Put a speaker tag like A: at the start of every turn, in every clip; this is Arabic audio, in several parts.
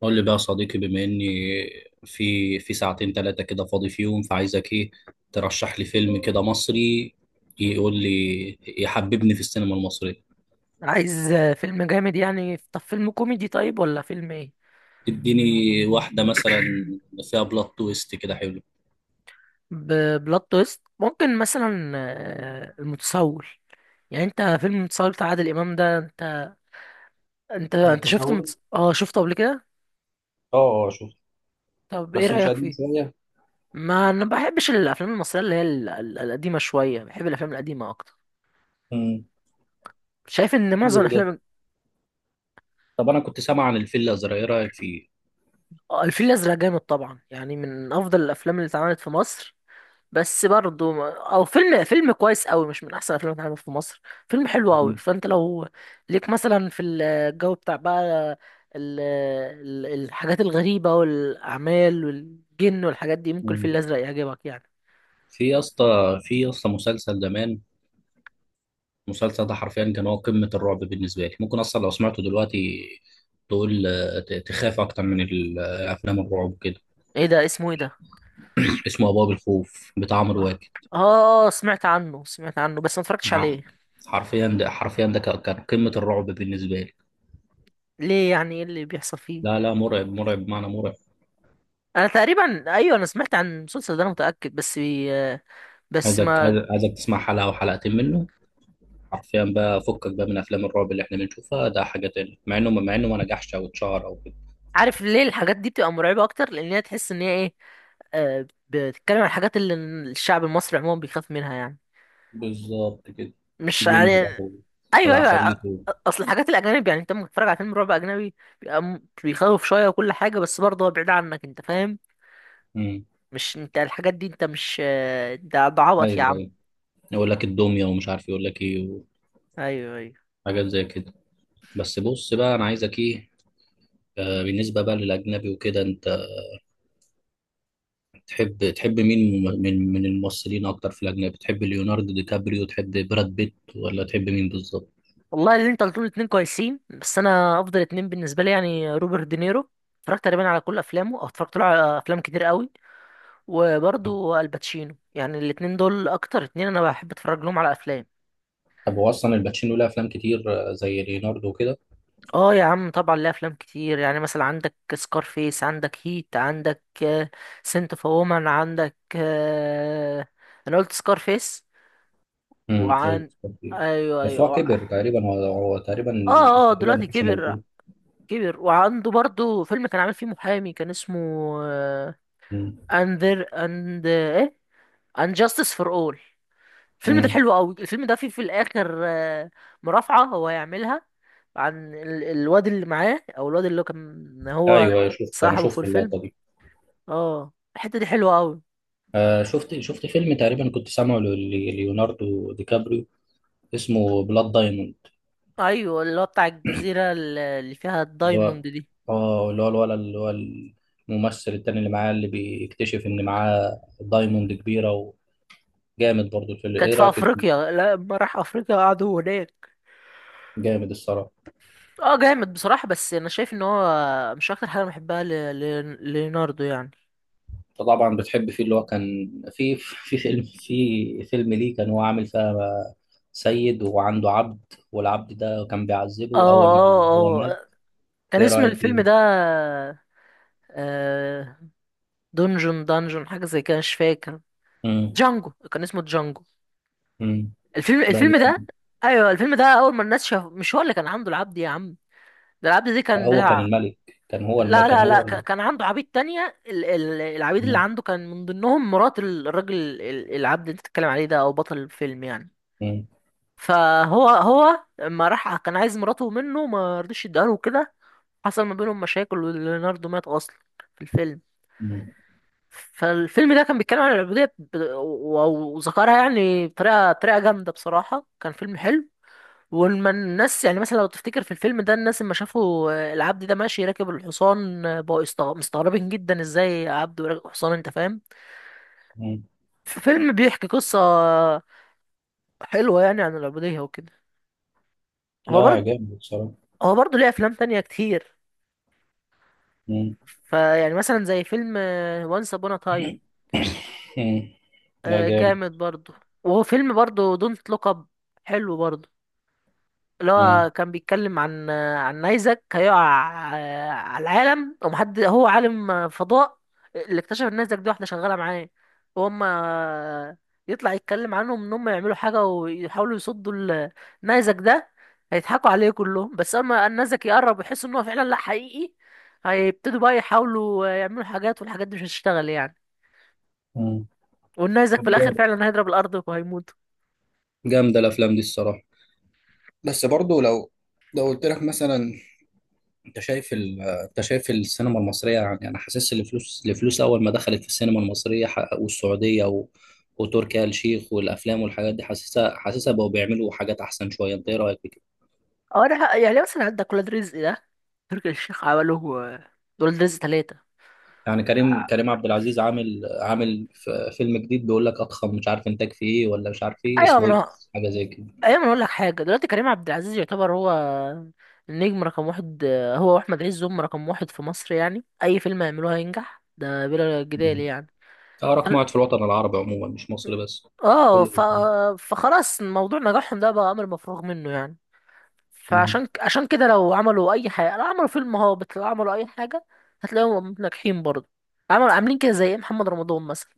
A: قول لي بقى يا صديقي، بما اني في ساعتين ثلاثة كده فاضي فيهم، فعايزك ايه؟ ترشح لي فيلم كده مصري يقول لي يحببني في السينما المصرية.
B: عايز فيلم جامد يعني. طب فيلم كوميدي، طيب ولا فيلم ايه؟
A: اديني واحدة مثلا فيها بلوت تويست كده حلو.
B: بلوت تويست ممكن مثلا، المتسول. يعني انت فيلم المتسول بتاع عادل امام ده، انت شفت
A: متسول،
B: متس... اه شفته قبل كده؟
A: اه اه، شوف.
B: طب ايه
A: بس مش
B: رايك
A: قديم
B: فيه؟
A: شويه؟
B: ما انا بحبش الافلام المصريه اللي هي القديمه شويه، بحب الافلام القديمه اكتر.
A: مم.
B: شايف ان
A: حلو
B: معظم
A: ده.
B: الافلام.
A: طب انا كنت سامع عن الفيل الازرق، ايه رايك فيه؟
B: الفيل الازرق جامد طبعا، يعني من افضل الافلام اللي اتعملت في مصر. بس برضو ما- او فيلم كويس قوي، مش من احسن افلام اللي في مصر. فيلم حلو قوي.
A: مم.
B: فانت لو ليك مثلا في الجو بتاع بقى الحاجات الغريبة والاعمال والجن والحاجات دي، ممكن الفيل
A: مم.
B: الازرق يعجبك يعني.
A: في يا اسطى في يا اسطى مسلسل زمان. المسلسل ده حرفيا كان هو قمة الرعب بالنسبة لي، ممكن أصلا لو سمعته دلوقتي تقول تخاف أكتر من أفلام الرعب كده.
B: ايه ده؟ اسمه ايه ده؟
A: اسمه أبواب الخوف بتاع عمرو واكد
B: اه. سمعت عنه سمعت عنه، بس ما اتفرجتش
A: آه،
B: عليه.
A: حرفيا ده كان قمة الرعب بالنسبة لي.
B: ليه؟ يعني ايه اللي بيحصل فيه؟
A: لا لا، مرعب مرعب بمعنى مرعب.
B: انا تقريبا، ايوه، انا سمعت عن المسلسل ده، انا متاكد، بس بي... بس ما
A: عايزك تسمع حلقة أو حلقتين منه. حرفيا بقى فكك بقى من أفلام الرعب اللي إحنا بنشوفها، ده حاجة تانية، مع إنه ما نجحش أو اتشهر أو كده.
B: عارف ليه الحاجات دي بتبقى مرعبه اكتر؟ لان هي تحس ان هي ايه، بتتكلم عن الحاجات اللي الشعب المصري عموما بيخاف منها يعني.
A: بالظبط كده.
B: مش يعني؟
A: جن بقى
B: ايوه، ايوه،
A: والعفاريت
B: اصل الحاجات الاجانب، يعني انت لما تتفرج على فيلم رعب اجنبي، بيبقى بيخوف شويه وكل حاجه، بس برضه هو بعيد عنك، انت فاهم؟
A: مم.
B: مش انت الحاجات دي، انت مش ده عبط يا
A: أيوه
B: عم.
A: أيوه. يقول لك الدميه ومش عارف يقول لك ايه،
B: ايوه، ايوه.
A: وحاجات زي كده. بس بص بقى، انا عايزك ايه. بالنسبه بقى للاجنبي وكده، انت تحب مين من الممثلين اكتر في الاجنبي؟ تحب ليوناردو دي كابريو، تحب براد بيت، ولا تحب مين بالظبط؟
B: والله اللي انت قلتهم الاتنين كويسين، بس انا افضل اتنين بالنسبه لي يعني روبرت دينيرو. اتفرجت تقريبا على كل افلامه، او اتفرجت له على افلام كتير قوي. وبرضه الباتشينو، يعني الاتنين دول اكتر اتنين انا بحب اتفرج لهم على افلام.
A: طب هو اصلا الباتشينو له افلام كتير، زي ليوناردو وكده.
B: اه يا عم طبعا، ليه افلام كتير، يعني مثلا عندك سكارفيس، عندك هيت، عندك سنت اوف وومن، عندك انا قلت سكارفيس.
A: امم لو-
B: وعن. ايوه،
A: بس هو
B: ايوه، اه.
A: كبر تقريبا، هو تقريبا
B: اه،
A: ما
B: دلوقتي
A: كانش
B: كبر.
A: موجود.
B: كبر وعنده برضو فيلم كان عامل فيه محامي كان اسمه
A: امم
B: اندر اند ايه اند جاستس فور اول. الفيلم ده
A: امم
B: حلو قوي. الفيلم ده فيه في الاخر مرافعة هو هيعملها عن الواد اللي معاه، او الواد اللي هو كان هو
A: ايوه، انا
B: صاحبه في
A: شفت
B: الفيلم.
A: اللقطه دي.
B: اه، الحتة دي حلوة قوي.
A: شفت فيلم تقريبا كنت سامعه ليوناردو دي كابريو، اسمه بلاد دايموند.
B: ايوه، اللي هو بتاع الجزيرة اللي فيها
A: اللي هو
B: الدايموند دي.
A: اه اللي هو الولد، اللي هو الممثل التاني اللي معاه، اللي بيكتشف ان معاه دايموند كبيرة. وجامد برضه الفيلم،
B: كانت
A: ايه
B: في
A: رأيك الفيلم؟
B: افريقيا. لا، لما راح افريقيا قعدوا هناك.
A: جامد الصراحة.
B: اه، جامد بصراحة، بس انا شايف ان هو مش اكتر حاجة أنا بحبها ليوناردو يعني.
A: انت طبعا بتحب فيه اللي هو كان في في فيلم ليه، كان هو عامل فيها سيد وعنده عبد، والعبد ده كان
B: اه،
A: بيعذبه اول ما هو
B: اه،
A: مات.
B: اه. كان
A: ايه
B: اسم
A: رأيك
B: الفيلم
A: فيه؟
B: ده آه دونجون، دانجون، حاجة زي كده، مش فاكر.
A: امم
B: جانجو، كان اسمه جانجو.
A: امم
B: الفيلم
A: ده.
B: الفيلم ده. ايوه، الفيلم ده اول ما الناس شاف مش هو اللي كان عامله العبد يا عم. ده العبد دي كان
A: هو كان
B: بتاع.
A: الملك، كان هو الم...
B: لا،
A: كان
B: لا، لا،
A: هو ال...
B: كان عنده عبيد تانية. العبيد اللي
A: مم.
B: عنده كان من ضمنهم مرات الراجل، العبد اللي انت بتتكلم عليه ده، او بطل الفيلم يعني.
A: مم.
B: فهو لما راح كان عايز مراته منه، ما رضيش يديها له كده. حصل ما بينهم مشاكل، وليوناردو مات اصلا في الفيلم.
A: مم.
B: فالفيلم ده كان بيتكلم عن العبودية، وذكرها يعني بطريقة طريقة جامدة، بصراحة كان فيلم حلو. ولما الناس يعني مثلا لو تفتكر في الفيلم ده، الناس لما شافوا العبد ده ماشي راكب الحصان، بقوا مستغربين جدا، ازاي عبد وراكب حصان، انت فاهم؟
A: مم.
B: في فيلم بيحكي قصة حلوة يعني عن العبودية وكده. هو
A: لا
B: برضه
A: جامد بصراحة.
B: هو برضه ليه أفلام تانية كتير. فيعني مثلا زي فيلم وانس أبونا تايم،
A: مم. لا جامد.
B: جامد برضه. وهو فيلم برضه دونت لوك أب، حلو برضه. اللي
A: مم.
B: هو كان بيتكلم عن نيزك هيقع على العالم، ومحد هو عالم فضاء. اللي اكتشف ان نيزك دي واحدة شغالة معاه، وهم يطلع يتكلم عنهم ان هم يعملوا حاجة ويحاولوا يصدوا نيزك ده. هيضحكوا عليه كلهم، بس اما النيزك يقرب ويحس ان هو فعلا لا، حقيقي. هيبتدوا بقى يحاولوا يعملوا حاجات، والحاجات دي مش هتشتغل يعني.
A: مم.
B: والنيزك
A: طب
B: في الاخر
A: جامد.
B: فعلا هيضرب الارض وهيموت.
A: جامدة الأفلام دي الصراحة. بس برضو لو قلت لك مثلا، أنت شايف السينما المصرية. يعني أنا حاسس إن الفلوس، أول ما دخلت في السينما المصرية والسعودية وتركي آل الشيخ والأفلام والحاجات دي، حاسسها بقوا بيعملوا حاجات أحسن شوية. أنت إيه رأيك في كده؟
B: اه، ده يعني مثلا عندك ولاد رزق ده، تركي الشيخ عمله آه، ولاد رزق ثلاثة.
A: يعني كريم، عبد العزيز عامل فيلم جديد بيقول لك أضخم مش عارف إنتاج فيه إيه، ولا مش عارف إيه
B: ايوه، ما
A: اسمه إيه،
B: انا.
A: حاجة زي
B: ايوه ما أنا اقول لك حاجة دلوقتي، كريم عبد العزيز يعتبر هو النجم رقم واحد. هو واحمد عز هم رقم واحد في مصر، يعني اي فيلم يعملوه هينجح ده بلا
A: كده.
B: جدال يعني.
A: اه،
B: ف...
A: رقم واحد في الوطن العربي عموما، مش مصر بس،
B: اه
A: كله
B: ف...
A: بيسمع.
B: فخلاص موضوع نجاحهم ده بقى امر مفروغ منه يعني.
A: مم.
B: فعشان عشان كده، لو عملوا اي حاجة، لو عملوا فيلم هابط، لو عملوا اي حاجة، هتلاقيهم ناجحين برضه. عملوا عاملين كده زي إيه، محمد رمضان مثلا.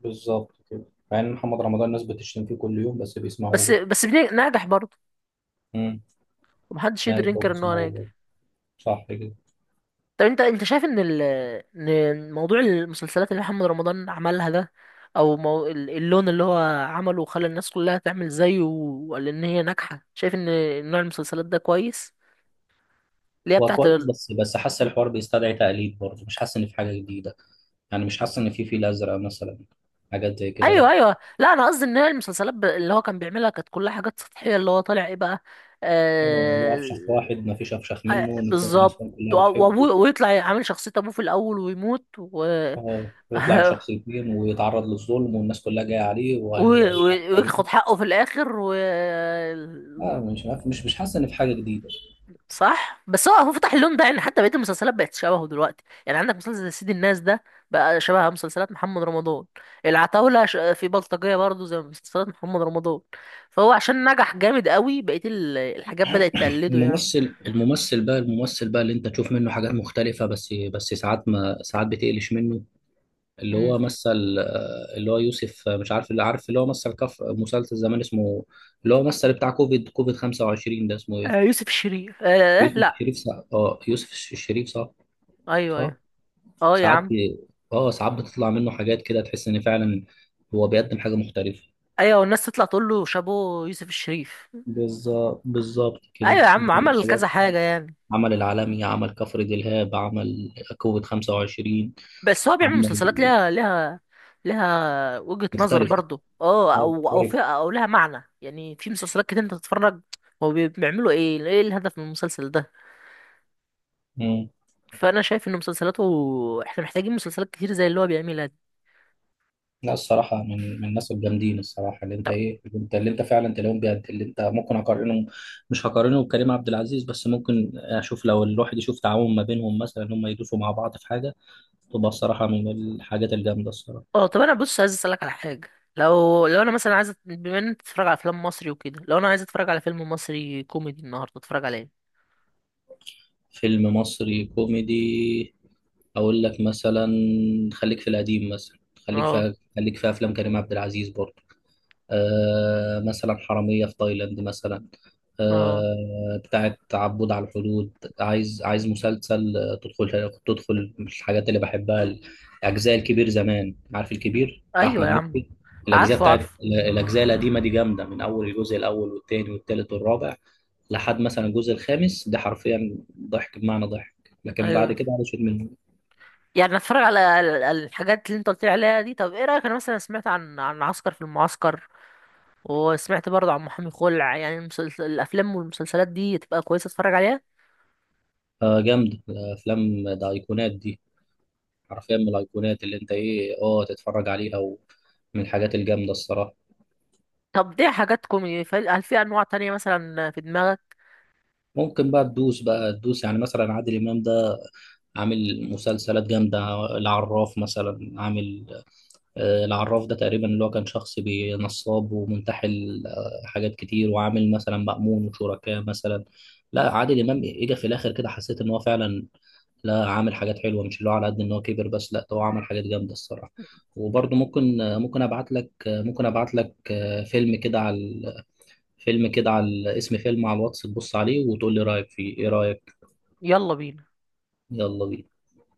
A: بالظبط كده. مع ان محمد رمضان الناس بتشتم فيه كل يوم بس بيسمعوه
B: بس
A: برضه.
B: بس بن- ناجح برضه.
A: مم.
B: ومحدش يقدر
A: ايوه
B: ينكر ان هو
A: بيسمعوه برضه.
B: ناجح.
A: صح كده.
B: طب انت شايف ان موضوع المسلسلات اللي محمد رمضان عملها ده، او مو اللون اللي هو عمله وخلى الناس كلها تعمل زيه، وقال ان هي ناجحه. شايف ان نوع المسلسلات ده كويس، اللي هي
A: هو
B: بتاعت
A: كويس، بس حاسس الحوار بيستدعي تقليد برضه، مش حاسس ان في حاجه جديده. يعني مش حاسس ان في فيل ازرق مثلا، حاجات زي كده،
B: ايوه،
A: لا.
B: ايوه، لا، انا قصدي ان هي المسلسلات اللي هو كان بيعملها كانت كلها حاجات سطحيه، اللي هو طالع ايه بقى.
A: هو لو
B: آه،
A: افشخ واحد ما فيش افشخ
B: آه،
A: منه، النساء
B: بالظبط.
A: كلها بتحبه.
B: وأبوه، ويطلع عامل شخصية أبوه في الأول ويموت، و
A: اه ويطلع بشخص اتنين، ويتعرض للظلم، والناس كلها جايه عليه، و...
B: و- و- وياخد حقه في الاخر و.
A: مش عارف- مش مش حاسس ان في حاجه جديده.
B: صح، بس هو فتح اللون ده، يعني حتى بقيه المسلسلات بقت شبهه دلوقتي، يعني عندك مسلسل زي سيد الناس ده، بقى شبه مسلسلات محمد رمضان. العتاولة، في بلطجية برضه زي مسلسلات محمد رمضان. فهو عشان نجح جامد قوي، بقيه الحاجات بدأت تقلده يعني.
A: الممثل بقى اللي انت تشوف منه حاجات مختلفة، بس ساعات ما ساعات بتقلش منه. اللي
B: مم.
A: هو مثل، اللي هو يوسف، مش عارف، اللي عارف اللي هو مثل كف مسلسل زمان اسمه، اللي هو مثل بتاع كوفيد 25، ده اسمه
B: آه،
A: ايه؟
B: يوسف الشريف، آه،
A: يوسف
B: لا.
A: الشريف، صح. اه يوسف الشريف، صح.
B: ايوه،
A: صح.
B: ايوه. اه يا
A: ساعات
B: عم.
A: بي... اه ساعات
B: مم.
A: بتطلع منه حاجات كده تحس ان فعلا هو بيقدم حاجة مختلفة.
B: ايوه، والناس تطلع تقول له شابو يوسف الشريف.
A: بالظبط بالظبط
B: ايوه
A: كده
B: يا عم،
A: بيعمل
B: عمل كذا
A: حاجات.
B: حاجة يعني.
A: عمل العالمي، عمل كفر دلهاب، عمل كوفيد 25،
B: بس هو بيعمل
A: عمل
B: مسلسلات لها وجهة نظر
A: مختلفة،
B: برضه، او
A: مختلف.
B: فيها او لها معنى، يعني في مسلسلات كتير انت تتفرج. هو بيعملوا ايه، ايه الهدف من المسلسل ده؟
A: مم.
B: فانا شايف ان مسلسلاته، احنا محتاجين مسلسلات كتير زي اللي هو بيعملها دي.
A: لا الصراحة، من الناس الجامدين الصراحة، اللي انت
B: طب
A: اللي انت فعلا تلاقيهم، بجد اللي انت ممكن اقارنهم، مش هقارنه بكريم عبد العزيز، بس ممكن اشوف لو الواحد يشوف تعاون ما بينهم مثلا، ان هم يدوسوا مع بعض في حاجة، تبقى الصراحة من الحاجات الجامدة الصراحة.
B: اه طب انا بص، عايز اسالك على حاجه. لو انا مثلا عايز بما ان انت بتتفرج على افلام مصري وكده، لو انا عايز اتفرج على فيلم مصري كوميدي النهارده اتفرج على ايه؟
A: فيلم مصري كوميدي، اقول لك مثلا، خليك في القديم مثلا، خليك في
B: اه،
A: افلام كريم عبد العزيز برضه. مثلا حرامية في تايلاند مثلا،
B: اه،
A: بتاعة عبود على الحدود. عايز مسلسل، تدخل مش الحاجات اللي بحبها. الأجزاء، الكبير زمان، عارف الكبير بتاع
B: ايوه
A: أحمد
B: يا عم.
A: مكي، الأجزاء
B: عارفه، عارفه.
A: الأجزاء القديمة دي جامدة، من أول الجزء الأول والتاني والتالت والرابع لحد مثلا الجزء الخامس، ده حرفيا ضحك بمعنى ضحك. لكن بعد
B: ايوه،
A: كده علشان من.
B: يعني اتفرج على الحاجات اللي انت قلت لي عليها دي. طب ايه رايك، انا مثلا سمعت عن عسكر في المعسكر، وسمعت برضه عن محامي خلع، يعني الافلام والمسلسلات دي تبقى كويسه، اتفرج عليها؟
A: جامد الأفلام ده، أيقونات دي حرفيا من الايقونات اللي انت ايه اه تتفرج عليها، ومن الحاجات الجامده الصراحه.
B: طب دي حاجات كوميدي، هل في انواع تانية مثلا في دماغك؟
A: ممكن بقى تدوس، يعني مثلا عادل امام ده عامل مسلسلات جامده. العراف مثلا عامل، العراف ده تقريبا اللي هو كان شخص نصاب ومنتحل، حاجات كتير، وعامل مثلا مأمون وشركاه مثلا. لا عادل امام اجى في الاخر كده حسيت ان هو فعلا، لا عامل حاجات حلوه، مش اللي هو على قد ان هو كبر بس، لا ده هو عمل حاجات جامده الصراحه. وبرضه ممكن ابعت لك فيلم كده على، اسم فيلم على الواتس، تبص عليه وتقول لي رايك فيه، ايه رايك.
B: يلا بينا.
A: يلا بينا.